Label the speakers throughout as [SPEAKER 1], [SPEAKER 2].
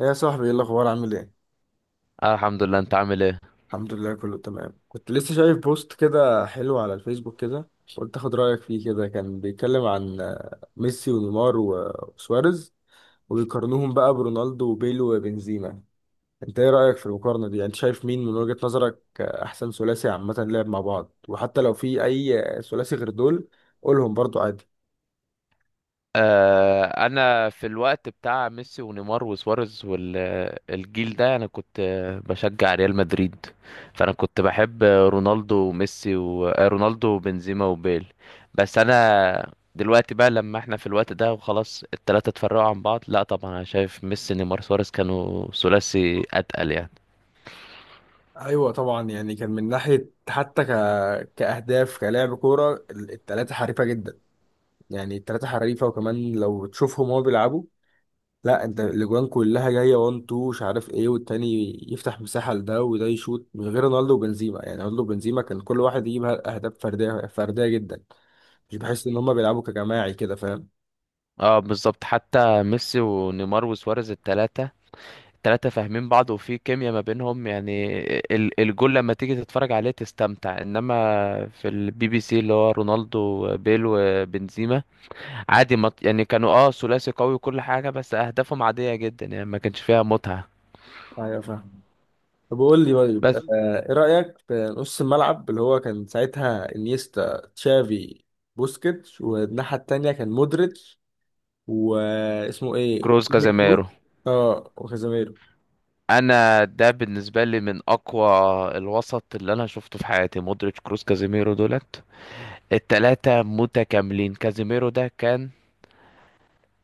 [SPEAKER 1] ايه يا صاحبي، ايه الاخبار؟ عامل ايه؟
[SPEAKER 2] آه، الحمد لله، انت عامل ايه؟
[SPEAKER 1] الحمد لله كله تمام. كنت لسه شايف بوست كده حلو على الفيسبوك كده، قلت اخد رايك فيه كده. كان بيتكلم عن ميسي ونيمار و- وسواريز وبيقارنوهم بقى برونالدو وبيل وبنزيما. انت ايه رايك في المقارنه دي؟ يعني انت شايف مين من وجهة نظرك احسن ثلاثي عامه لعب مع بعض؟ وحتى لو في اي ثلاثي غير دول قولهم برضو عادي.
[SPEAKER 2] انا في الوقت بتاع ميسي ونيمار وسواريز والجيل ده، انا كنت بشجع ريال مدريد. فانا كنت بحب رونالدو وميسي و... آه، رونالدو وبنزيما وبيل. بس انا دلوقتي بقى، لما احنا في الوقت ده وخلاص التلاتة اتفرقوا عن بعض، لا طبعا انا شايف ميسي نيمار سواريز كانوا ثلاثي اتقل يعني.
[SPEAKER 1] ايوه طبعا، يعني كان من ناحيه حتى كاهداف، كلاعب كوره الثلاثه حريفه جدا. يعني التلاتة حريفة، وكمان لو تشوفهم وهو بيلعبوا، لا انت الاجوان كلها جايه 1 2 مش عارف ايه والتاني يفتح مساحه لده وده يشوط. من غير رونالدو وبنزيما، يعني رونالدو وبنزيما كان كل واحد يجيب اهداف فرديه، فرديه جدا، مش بحس ان هما بيلعبوا كجماعي كده، فاهم؟
[SPEAKER 2] اه، بالظبط، حتى ميسي ونيمار وسواريز التلاتة تلاتة فاهمين بعض وفي كيمياء ما بينهم، يعني الجول لما تيجي تتفرج عليه تستمتع. انما في البي بي سي، اللي هو رونالدو بيل وبنزيما، عادي، ما يعني كانوا ثلاثي قوي وكل حاجة، بس اهدافهم عادية جدا يعني، ما كانش فيها متعة.
[SPEAKER 1] ايوه فاهم. طب قول لي، طيب
[SPEAKER 2] بس
[SPEAKER 1] ايه رايك في نص الملعب اللي هو كان ساعتها انيستا، تشافي، بوسكيتش؟ والناحيه التانيه كان مودريتش واسمه ايه؟
[SPEAKER 2] كروز
[SPEAKER 1] توني
[SPEAKER 2] كازاميرو،
[SPEAKER 1] كروس. اه، وكازاميرو.
[SPEAKER 2] انا ده بالنسبة لي من اقوى الوسط اللي انا شفته في حياتي. مودريتش كروز كازاميرو دولت التلاتة متكاملين. كازيميرو ده كان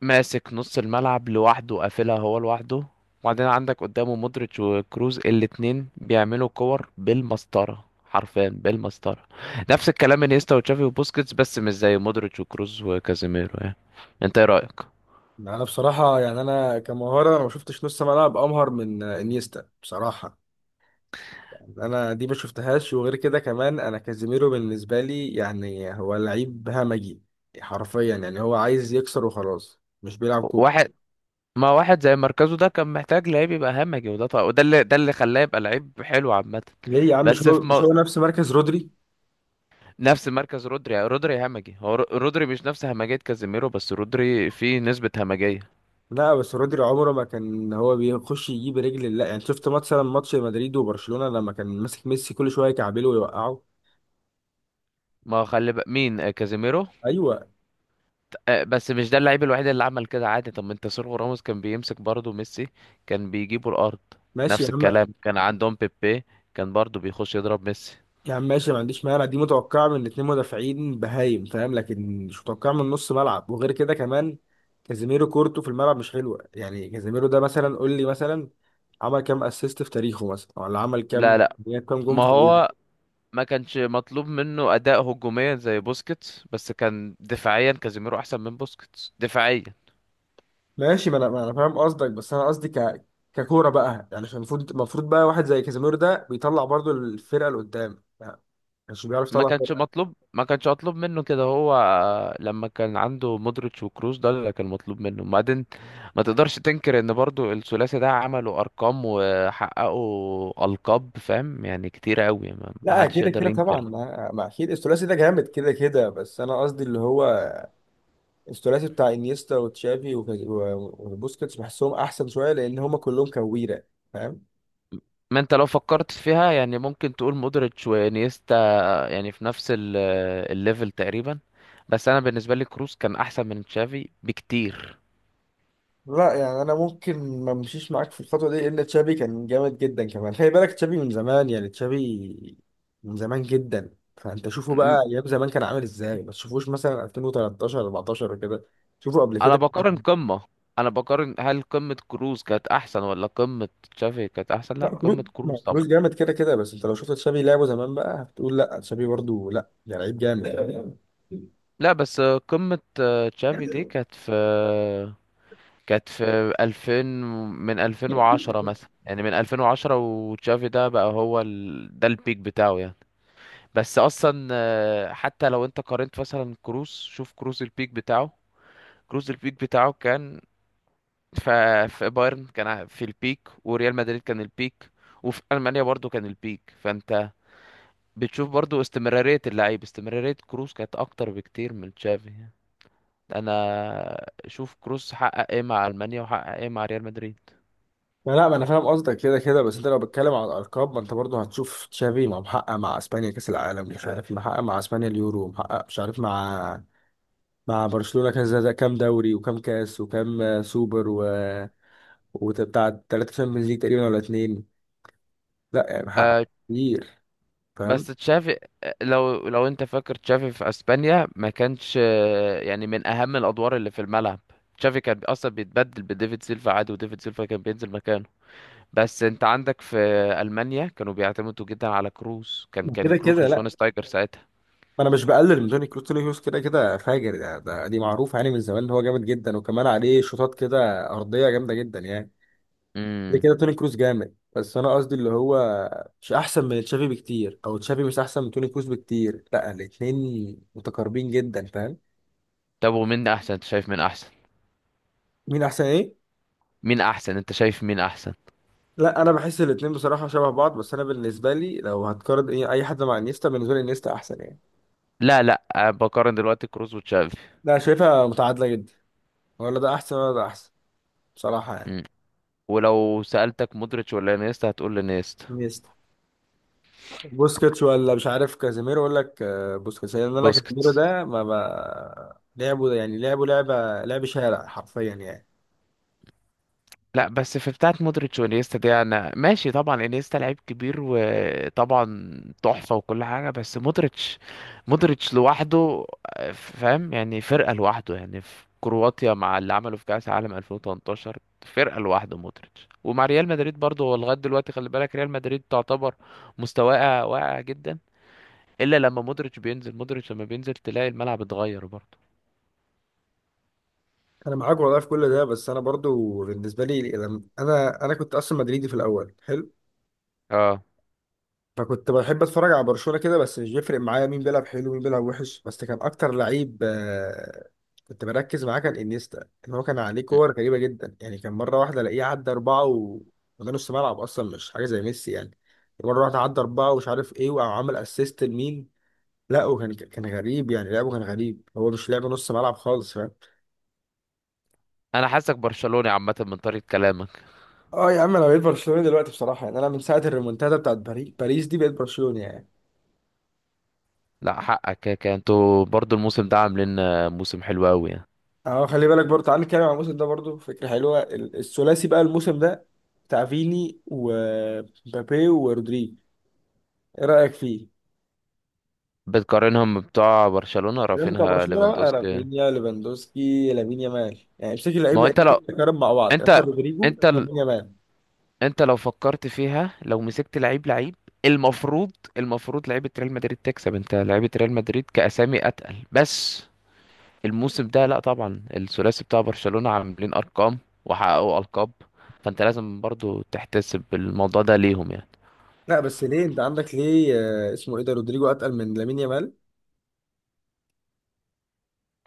[SPEAKER 2] ماسك نص الملعب لوحده وقافلها هو لوحده، وبعدين عندك قدامه مودريتش وكروز الاتنين بيعملوا كور بالمسطرة، حرفيا بالمسطرة. نفس الكلام انيستا وتشافي وبوسكيتس، بس مش زي مودريتش وكروز وكازيميرو يعني. انت ايه رأيك؟
[SPEAKER 1] انا بصراحه يعني، انا كمهاره، انا ما شفتش نص ملعب امهر من انيستا بصراحه. يعني انا دي ما شفتهاش. وغير كده كمان، انا كازيميرو بالنسبه لي يعني هو لعيب همجي حرفيا. يعني هو عايز يكسر وخلاص، مش بيلعب كوره.
[SPEAKER 2] واحد، ما واحد زي مركزه ده كان محتاج لعيب يبقى همجي، وده طبعا وده اللي ده اللي خلاه يبقى لعيب حلو عامة.
[SPEAKER 1] ليه يا عم؟ مش
[SPEAKER 2] بس في
[SPEAKER 1] هو مش
[SPEAKER 2] مو...
[SPEAKER 1] هو نفس مركز رودري؟
[SPEAKER 2] نفس مركز رودري، يعني رودري همجي، هو رودري مش نفس همجية كازيميرو، بس رودري فيه نسبة همجية.
[SPEAKER 1] لا، بس رودري عمره ما كان هو بيخش يجيب رجل، لا. يعني شفت مثلا ماتش مدريد وبرشلونه لما كان ماسك ميسي، كل شويه يكعبله ويوقعه.
[SPEAKER 2] ما هو خلي بقى مين، كازيميرو.
[SPEAKER 1] ايوه
[SPEAKER 2] بس مش ده اللعيب الوحيد اللي عمل كده، عادي. طب ما انت سيرخيو راموس كان بيمسك برضه ميسي، كان بيجيبوا الارض.
[SPEAKER 1] ماشي يا
[SPEAKER 2] نفس
[SPEAKER 1] عم.
[SPEAKER 2] الكلام كان عندهم بيبي، كان برضه بيخش يضرب ميسي.
[SPEAKER 1] يا عم ماشي، ما عنديش مانع، دي متوقعة من الاتنين مدافعين بهايم، فاهم؟ لكن مش متوقعة من نص ملعب. وغير كده كمان، كازيميرو كورته في الملعب مش حلوة، يعني كازيميرو ده مثلا قول لي مثلا عمل كام اسيست في تاريخه، مثلا؟ ولا عمل كام،
[SPEAKER 2] لا لا.
[SPEAKER 1] جاب كام جون
[SPEAKER 2] ما
[SPEAKER 1] في تاريخه؟
[SPEAKER 2] هو ما كانش مطلوب منه اداء هجوميا زي بوسكيتس، بس كان دفاعيا كازيميرو احسن من بوسكيتس دفاعيا.
[SPEAKER 1] ماشي، ما انا فاهم قصدك، بس انا قصدي ك ككورة بقى. يعني عشان المفروض، المفروض بقى واحد زي كازيميرو ده بيطلع برضو الفرقة اللي قدام، ما كانش بيعرف
[SPEAKER 2] ما
[SPEAKER 1] يطلع
[SPEAKER 2] كانش
[SPEAKER 1] فرقة.
[SPEAKER 2] مطلوب، ما كانش مطلوب منه كده. هو لما كان عنده مودريتش وكروس ده اللي كان مطلوب منه. وبعدين ما تقدرش تنكر ان برضو الثلاثي ده عملوا ارقام وحققوا القاب، فاهم، يعني كتير قوي، ما
[SPEAKER 1] لا
[SPEAKER 2] حدش
[SPEAKER 1] كده
[SPEAKER 2] يقدر
[SPEAKER 1] كده طبعا،
[SPEAKER 2] ينكر.
[SPEAKER 1] ما اكيد الثلاثي ده جامد كده كده، بس انا قصدي اللي هو الثلاثي بتاع انيستا وتشافي وك- و- وبوسكيتس بحسهم احسن شويه، لان هما كلهم كويره، فاهم؟
[SPEAKER 2] ما انت لو فكرت فيها يعني ممكن تقول مودريتش وانيستا يعني في نفس الليفل تقريبا، بس انا بالنسبه لي كروس كان احسن من تشافي بكتير.
[SPEAKER 1] لا يعني انا ممكن ما امشيش معاك في الخطوه دي، لان تشافي كان جامد جدا. كمان خلي بالك تشافي من زمان، يعني تشافي من زمان جدا. فانت شوفه بقى ايام زمان كان عامل ازاي، ما تشوفوش مثلا 2013 14 كده، شوفوا قبل
[SPEAKER 2] انا
[SPEAKER 1] كده.
[SPEAKER 2] بقارن قمة، انا بقارن هل قمة كروز كانت احسن ولا قمة تشافي كانت احسن؟
[SPEAKER 1] لا
[SPEAKER 2] لا،
[SPEAKER 1] كروس،
[SPEAKER 2] قمة
[SPEAKER 1] لا،
[SPEAKER 2] كروز طبعا.
[SPEAKER 1] كروس جامد كده كده، بس انت لو شفت تشافي لعبه زمان بقى هتقول لا تشافي برضو، لا ده لعيب جامد.
[SPEAKER 2] لا، بس قمة تشافي دي كانت في كانت في 2000، من 2010 مثلا يعني، من 2010 وتشافي ده بقى هو ال... ده البيك بتاعه يعني. بس اصلا حتى لو انت قارنت مثلا كروز، شوف كروز البيك بتاعه، كروز البيك بتاعه كان ف- في بايرن كان في البيك، وريال مدريد كان البيك، وفي ألمانيا برضو كان البيك. فانت بتشوف برضو استمرارية اللعيب، استمرارية كروس كانت أكتر بكتير من تشافي يعني. أنا شوف كروس حقق إيه مع ألمانيا وحقق إيه مع ريال مدريد.
[SPEAKER 1] ما انا فاهم قصدك كده كده، بس انت لو بتتكلم على الارقام، ما انت برضه هتشوف تشافي ما محقق مع اسبانيا كاس العالم، مش عارف محقق مع اسبانيا اليورو، محقق مش عارف مع مع برشلونه كذا، ده كام دوري وكام كاس وكام سوبر، و وبتاع ثلاثه تشامبيونز ليج تقريبا ولا اتنين؟ لا يعني محقق
[SPEAKER 2] أه.
[SPEAKER 1] كتير،
[SPEAKER 2] بس
[SPEAKER 1] فاهم؟
[SPEAKER 2] تشافي، لو لو أنت فاكر تشافي في أسبانيا ما كانش يعني من أهم الأدوار اللي في الملعب. تشافي كان أصلا بيتبدل بديفيد سيلفا عادي، وديفيد سيلفا كان بينزل مكانه. بس أنت عندك في ألمانيا كانوا بيعتمدوا جدا على كروس، كان
[SPEAKER 1] كده
[SPEAKER 2] كروس
[SPEAKER 1] كده لا،
[SPEAKER 2] وشوانشتايجر ساعتها.
[SPEAKER 1] انا مش بقلل من توني كروس، توني كروس كده كده فاجر. ده دي معروف يعني من زمان ان هو جامد جدا، وكمان عليه شوطات كده ارضيه جامده جدا يعني. ده
[SPEAKER 2] امم
[SPEAKER 1] كده توني كروس جامد، بس انا قصدي اللي هو مش احسن من تشافي بكتير، او تشافي مش احسن من توني كروس بكتير، لا الاتنين متقاربين جدا، فاهم؟
[SPEAKER 2] طب ومين أحسن، أنت شايف مين أحسن؟
[SPEAKER 1] مين احسن ايه؟
[SPEAKER 2] مين احسن، انت شايف مين احسن؟
[SPEAKER 1] لا انا بحس الاتنين بصراحه شبه بعض. بس انا بالنسبه لي لو هتقارن ايه اي حد مع انيستا، بالنسبه لي انيستا احسن يعني.
[SPEAKER 2] لا لا، بقارن دلوقتي كروس وتشافي.
[SPEAKER 1] لا شايفها متعادله جدا، ولا ده احسن ولا ده احسن، بصراحه يعني.
[SPEAKER 2] مم. ولو سألتك مودريتش ولا انيستا هتقول لي انيستا.
[SPEAKER 1] انيستا. بوسكيتس ولا مش عارف كازيميرو؟ اقول لك بوسكيتس، لان انا كازيميرو
[SPEAKER 2] بوسكيتس.
[SPEAKER 1] ده ما لعبه يعني، لعبه لعب شارع حرفيا يعني.
[SPEAKER 2] لا بس في بتاعه مودريتش وانيستا دي انا ماشي، طبعا انيستا لعيب كبير وطبعا تحفة وكل حاجة، بس مودريتش، مودريتش لوحده، فاهم يعني فرقة لوحده، يعني في كرواتيا مع اللي عمله في كأس عالم 2018 فرقة لوحده مودريتش، ومع ريال مدريد برضه هو لغاية دلوقتي، خلي بالك ريال مدريد تعتبر مستواه واقع جدا الا لما مودريتش بينزل، مودريتش لما بينزل تلاقي الملعب اتغير برضه.
[SPEAKER 1] انا معاك والله في كل ده، بس انا برضو بالنسبه لي لما انا كنت اصلا مدريدي في الاول حلو،
[SPEAKER 2] اه.
[SPEAKER 1] فكنت بحب اتفرج على برشلونه كده، بس مش بيفرق معايا مين بيلعب حلو ومين بيلعب وحش. بس كان اكتر لعيب كنت بركز معاه كان انيستا. ان هو كان عليه
[SPEAKER 2] م.
[SPEAKER 1] كور غريبه جدا يعني، كان مره واحده الاقيه عدى اربعه وده نص ملعب اصلا، مش حاجه زي ميسي يعني. مره واحده عدى اربعه ومش عارف ايه، وعمل اسيست لمين. لا وكان، كان غريب يعني، لعبه كان غريب، هو مش لعب نص ملعب خالص.
[SPEAKER 2] انا حاسك برشلوني عامه من طريقه كلامك.
[SPEAKER 1] اه يا عم، انا بقيت برشلوني دلوقتي بصراحه. يعني انا من ساعه الريمونتادا بتاعت باريس، باريس دي بقيت برشلوني يعني.
[SPEAKER 2] لا، حقك، كده كده انتوا برضه الموسم ده عاملين موسم حلو قوي يعني.
[SPEAKER 1] اه، خلي بالك برضه. تعال نتكلم عن الموسم ده برضه، فكره حلوه. ال- الثلاثي بقى الموسم ده بتاع فيني ومبابي ورودريجو، ايه رايك فيه؟
[SPEAKER 2] بتقارنهم بتوع برشلونه
[SPEAKER 1] الكلام بتاع
[SPEAKER 2] رافينها
[SPEAKER 1] برشلونه بقى
[SPEAKER 2] ليفاندوسكي؟
[SPEAKER 1] رافينيا، ليفاندوسكي، لامين يامال يعني بشكل لعيب
[SPEAKER 2] ما هو
[SPEAKER 1] لعيب
[SPEAKER 2] انت لو
[SPEAKER 1] بتتكرم مع بعض،
[SPEAKER 2] انت
[SPEAKER 1] يعني مثلا رودريجو
[SPEAKER 2] انت ال-
[SPEAKER 1] ولامين يامال.
[SPEAKER 2] انت لو فكرت فيها، لو مسكت لعيب لعيب، المفروض، لعيبه ريال مدريد تكسب. انت لعيبه ريال مدريد كاسامي اتقل، بس الموسم ده لا طبعا الثلاثي بتاع برشلونة عاملين ارقام وحققوا القاب، فانت لازم برضو تحتسب الموضوع ده ليهم يعني.
[SPEAKER 1] لا بس ليه؟ انت عندك ليه اسمه ايه ده، رودريجو، اتقل من لامين يامال؟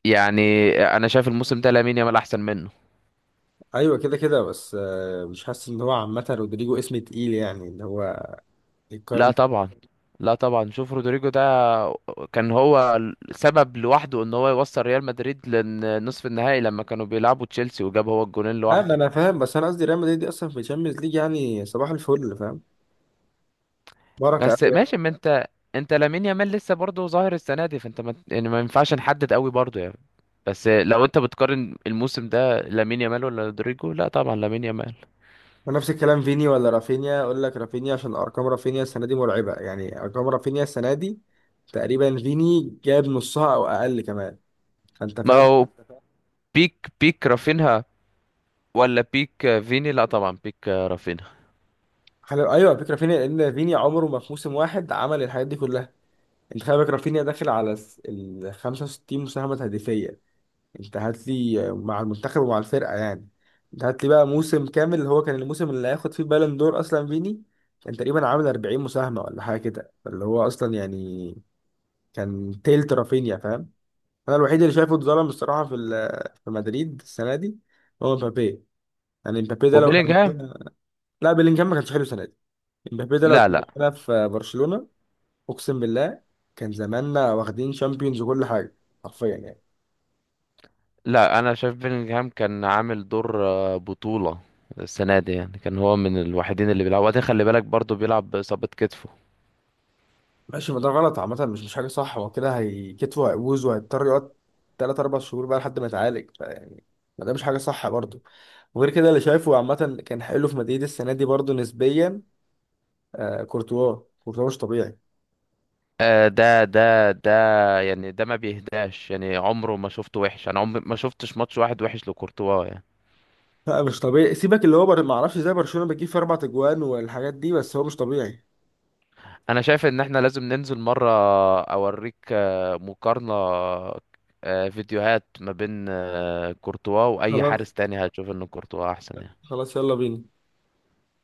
[SPEAKER 2] يعني انا شايف الموسم ده لامين يامال احسن منه.
[SPEAKER 1] ايوه كده كده، بس مش حاسس ان هو عامه رودريجو اسم تقيل يعني اللي هو
[SPEAKER 2] لا
[SPEAKER 1] يتقارن.
[SPEAKER 2] طبعا، لا طبعا. شوف رودريجو ده، كان هو سبب لوحده ان هو يوصل ريال مدريد لنصف النهائي لما كانوا بيلعبوا تشيلسي وجاب هو الجونين
[SPEAKER 1] اه ما
[SPEAKER 2] لوحده.
[SPEAKER 1] انا فاهم، بس انا قصدي ريال مدريد دي اصلا في الشامبيونز ليج يعني صباح الفل، فاهم؟ بركه
[SPEAKER 2] بس
[SPEAKER 1] قوي.
[SPEAKER 2] ماشي، ما انت لامين يامال لسه برضه ظاهر السنه دي، فانت ما يعني ما ينفعش نحدد قوي برضه يعني. بس لو انت بتقارن الموسم ده لامين يامال ولا رودريجو، لا طبعا لامين يامال.
[SPEAKER 1] ونفس الكلام فيني ولا رافينيا؟ اقول لك رافينيا، عشان ارقام رافينيا السنه دي مرعبه. يعني ارقام رافينيا السنه دي تقريبا فيني جاب نصها او اقل كمان، انت
[SPEAKER 2] ما
[SPEAKER 1] فاهم؟
[SPEAKER 2] هو بيك رافينها ولا بيك فيني؟ لا طبعا بيك رافينها.
[SPEAKER 1] حلو ايوه، على فكره رافينيا، لان فيني عمره ما في موسم واحد عمل الحاجات دي كلها. انت خلي بالك رافينيا داخل على ال 65 مساهمه هدفيه، انت هات لي مع المنتخب ومع الفرقه يعني. انت هات لي بقى موسم كامل اللي هو كان الموسم اللي هياخد فيه بالون دور اصلا فيني، كان تقريبا عامل 40 مساهمه ولا حاجه كده، اللي هو اصلا يعني كان تيلت رافينيا، فاهم؟ انا الوحيد اللي شايفه اتظلم الصراحه في في مدريد السنه دي هو مبابي. يعني مبابي ده لو كان،
[SPEAKER 2] وبيلينغهام.
[SPEAKER 1] لا بيلينجهام ما كانش حلو السنه دي. مبابي ده لو
[SPEAKER 2] لا
[SPEAKER 1] كان
[SPEAKER 2] لا
[SPEAKER 1] معانا في برشلونه، اقسم بالله كان زماننا واخدين شامبيونز وكل حاجه، حرفيا يعني.
[SPEAKER 2] لا، انا شايف بيلينغهام كان عامل دور بطولة السنة دي، يعني كان هو من الوحيدين اللي بيلعب، وبعدين خلي بالك برضه بيلعب بإصابة كتفه.
[SPEAKER 1] ماشي، ما ده غلط عامة، مش حاجة صح. هو كده كتفه هيبوظ وهيضطر يقعد تلات أربع شهور بقى لحد ما يتعالج، فيعني ما ده مش حاجة صح برضه. وغير كده اللي شايفه عامة كان حلو في مدريد السنة دي برضه نسبيا، آه كورتوا. كورتوا مش طبيعي،
[SPEAKER 2] آه، ده يعني ده ما بيهداش يعني، عمره ما شفته وحش، انا عمري ما شفتش ماتش واحد وحش لكورتوا يعني.
[SPEAKER 1] لا مش طبيعي. سيبك اللي هو ما اعرفش ازاي برشلونة بتجيب فيه أربع أجوان والحاجات دي، بس هو مش طبيعي.
[SPEAKER 2] انا شايف ان احنا لازم ننزل مرة اوريك مقارنة فيديوهات ما بين كورتوا واي
[SPEAKER 1] خلاص،
[SPEAKER 2] حارس تاني هتشوف ان كورتوا احسن يعني.
[SPEAKER 1] خلاص يلا بينا.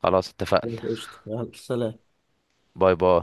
[SPEAKER 2] خلاص اتفقنا.
[SPEAKER 1] خلاص، قشطة، يلا سلام.
[SPEAKER 2] باي باي.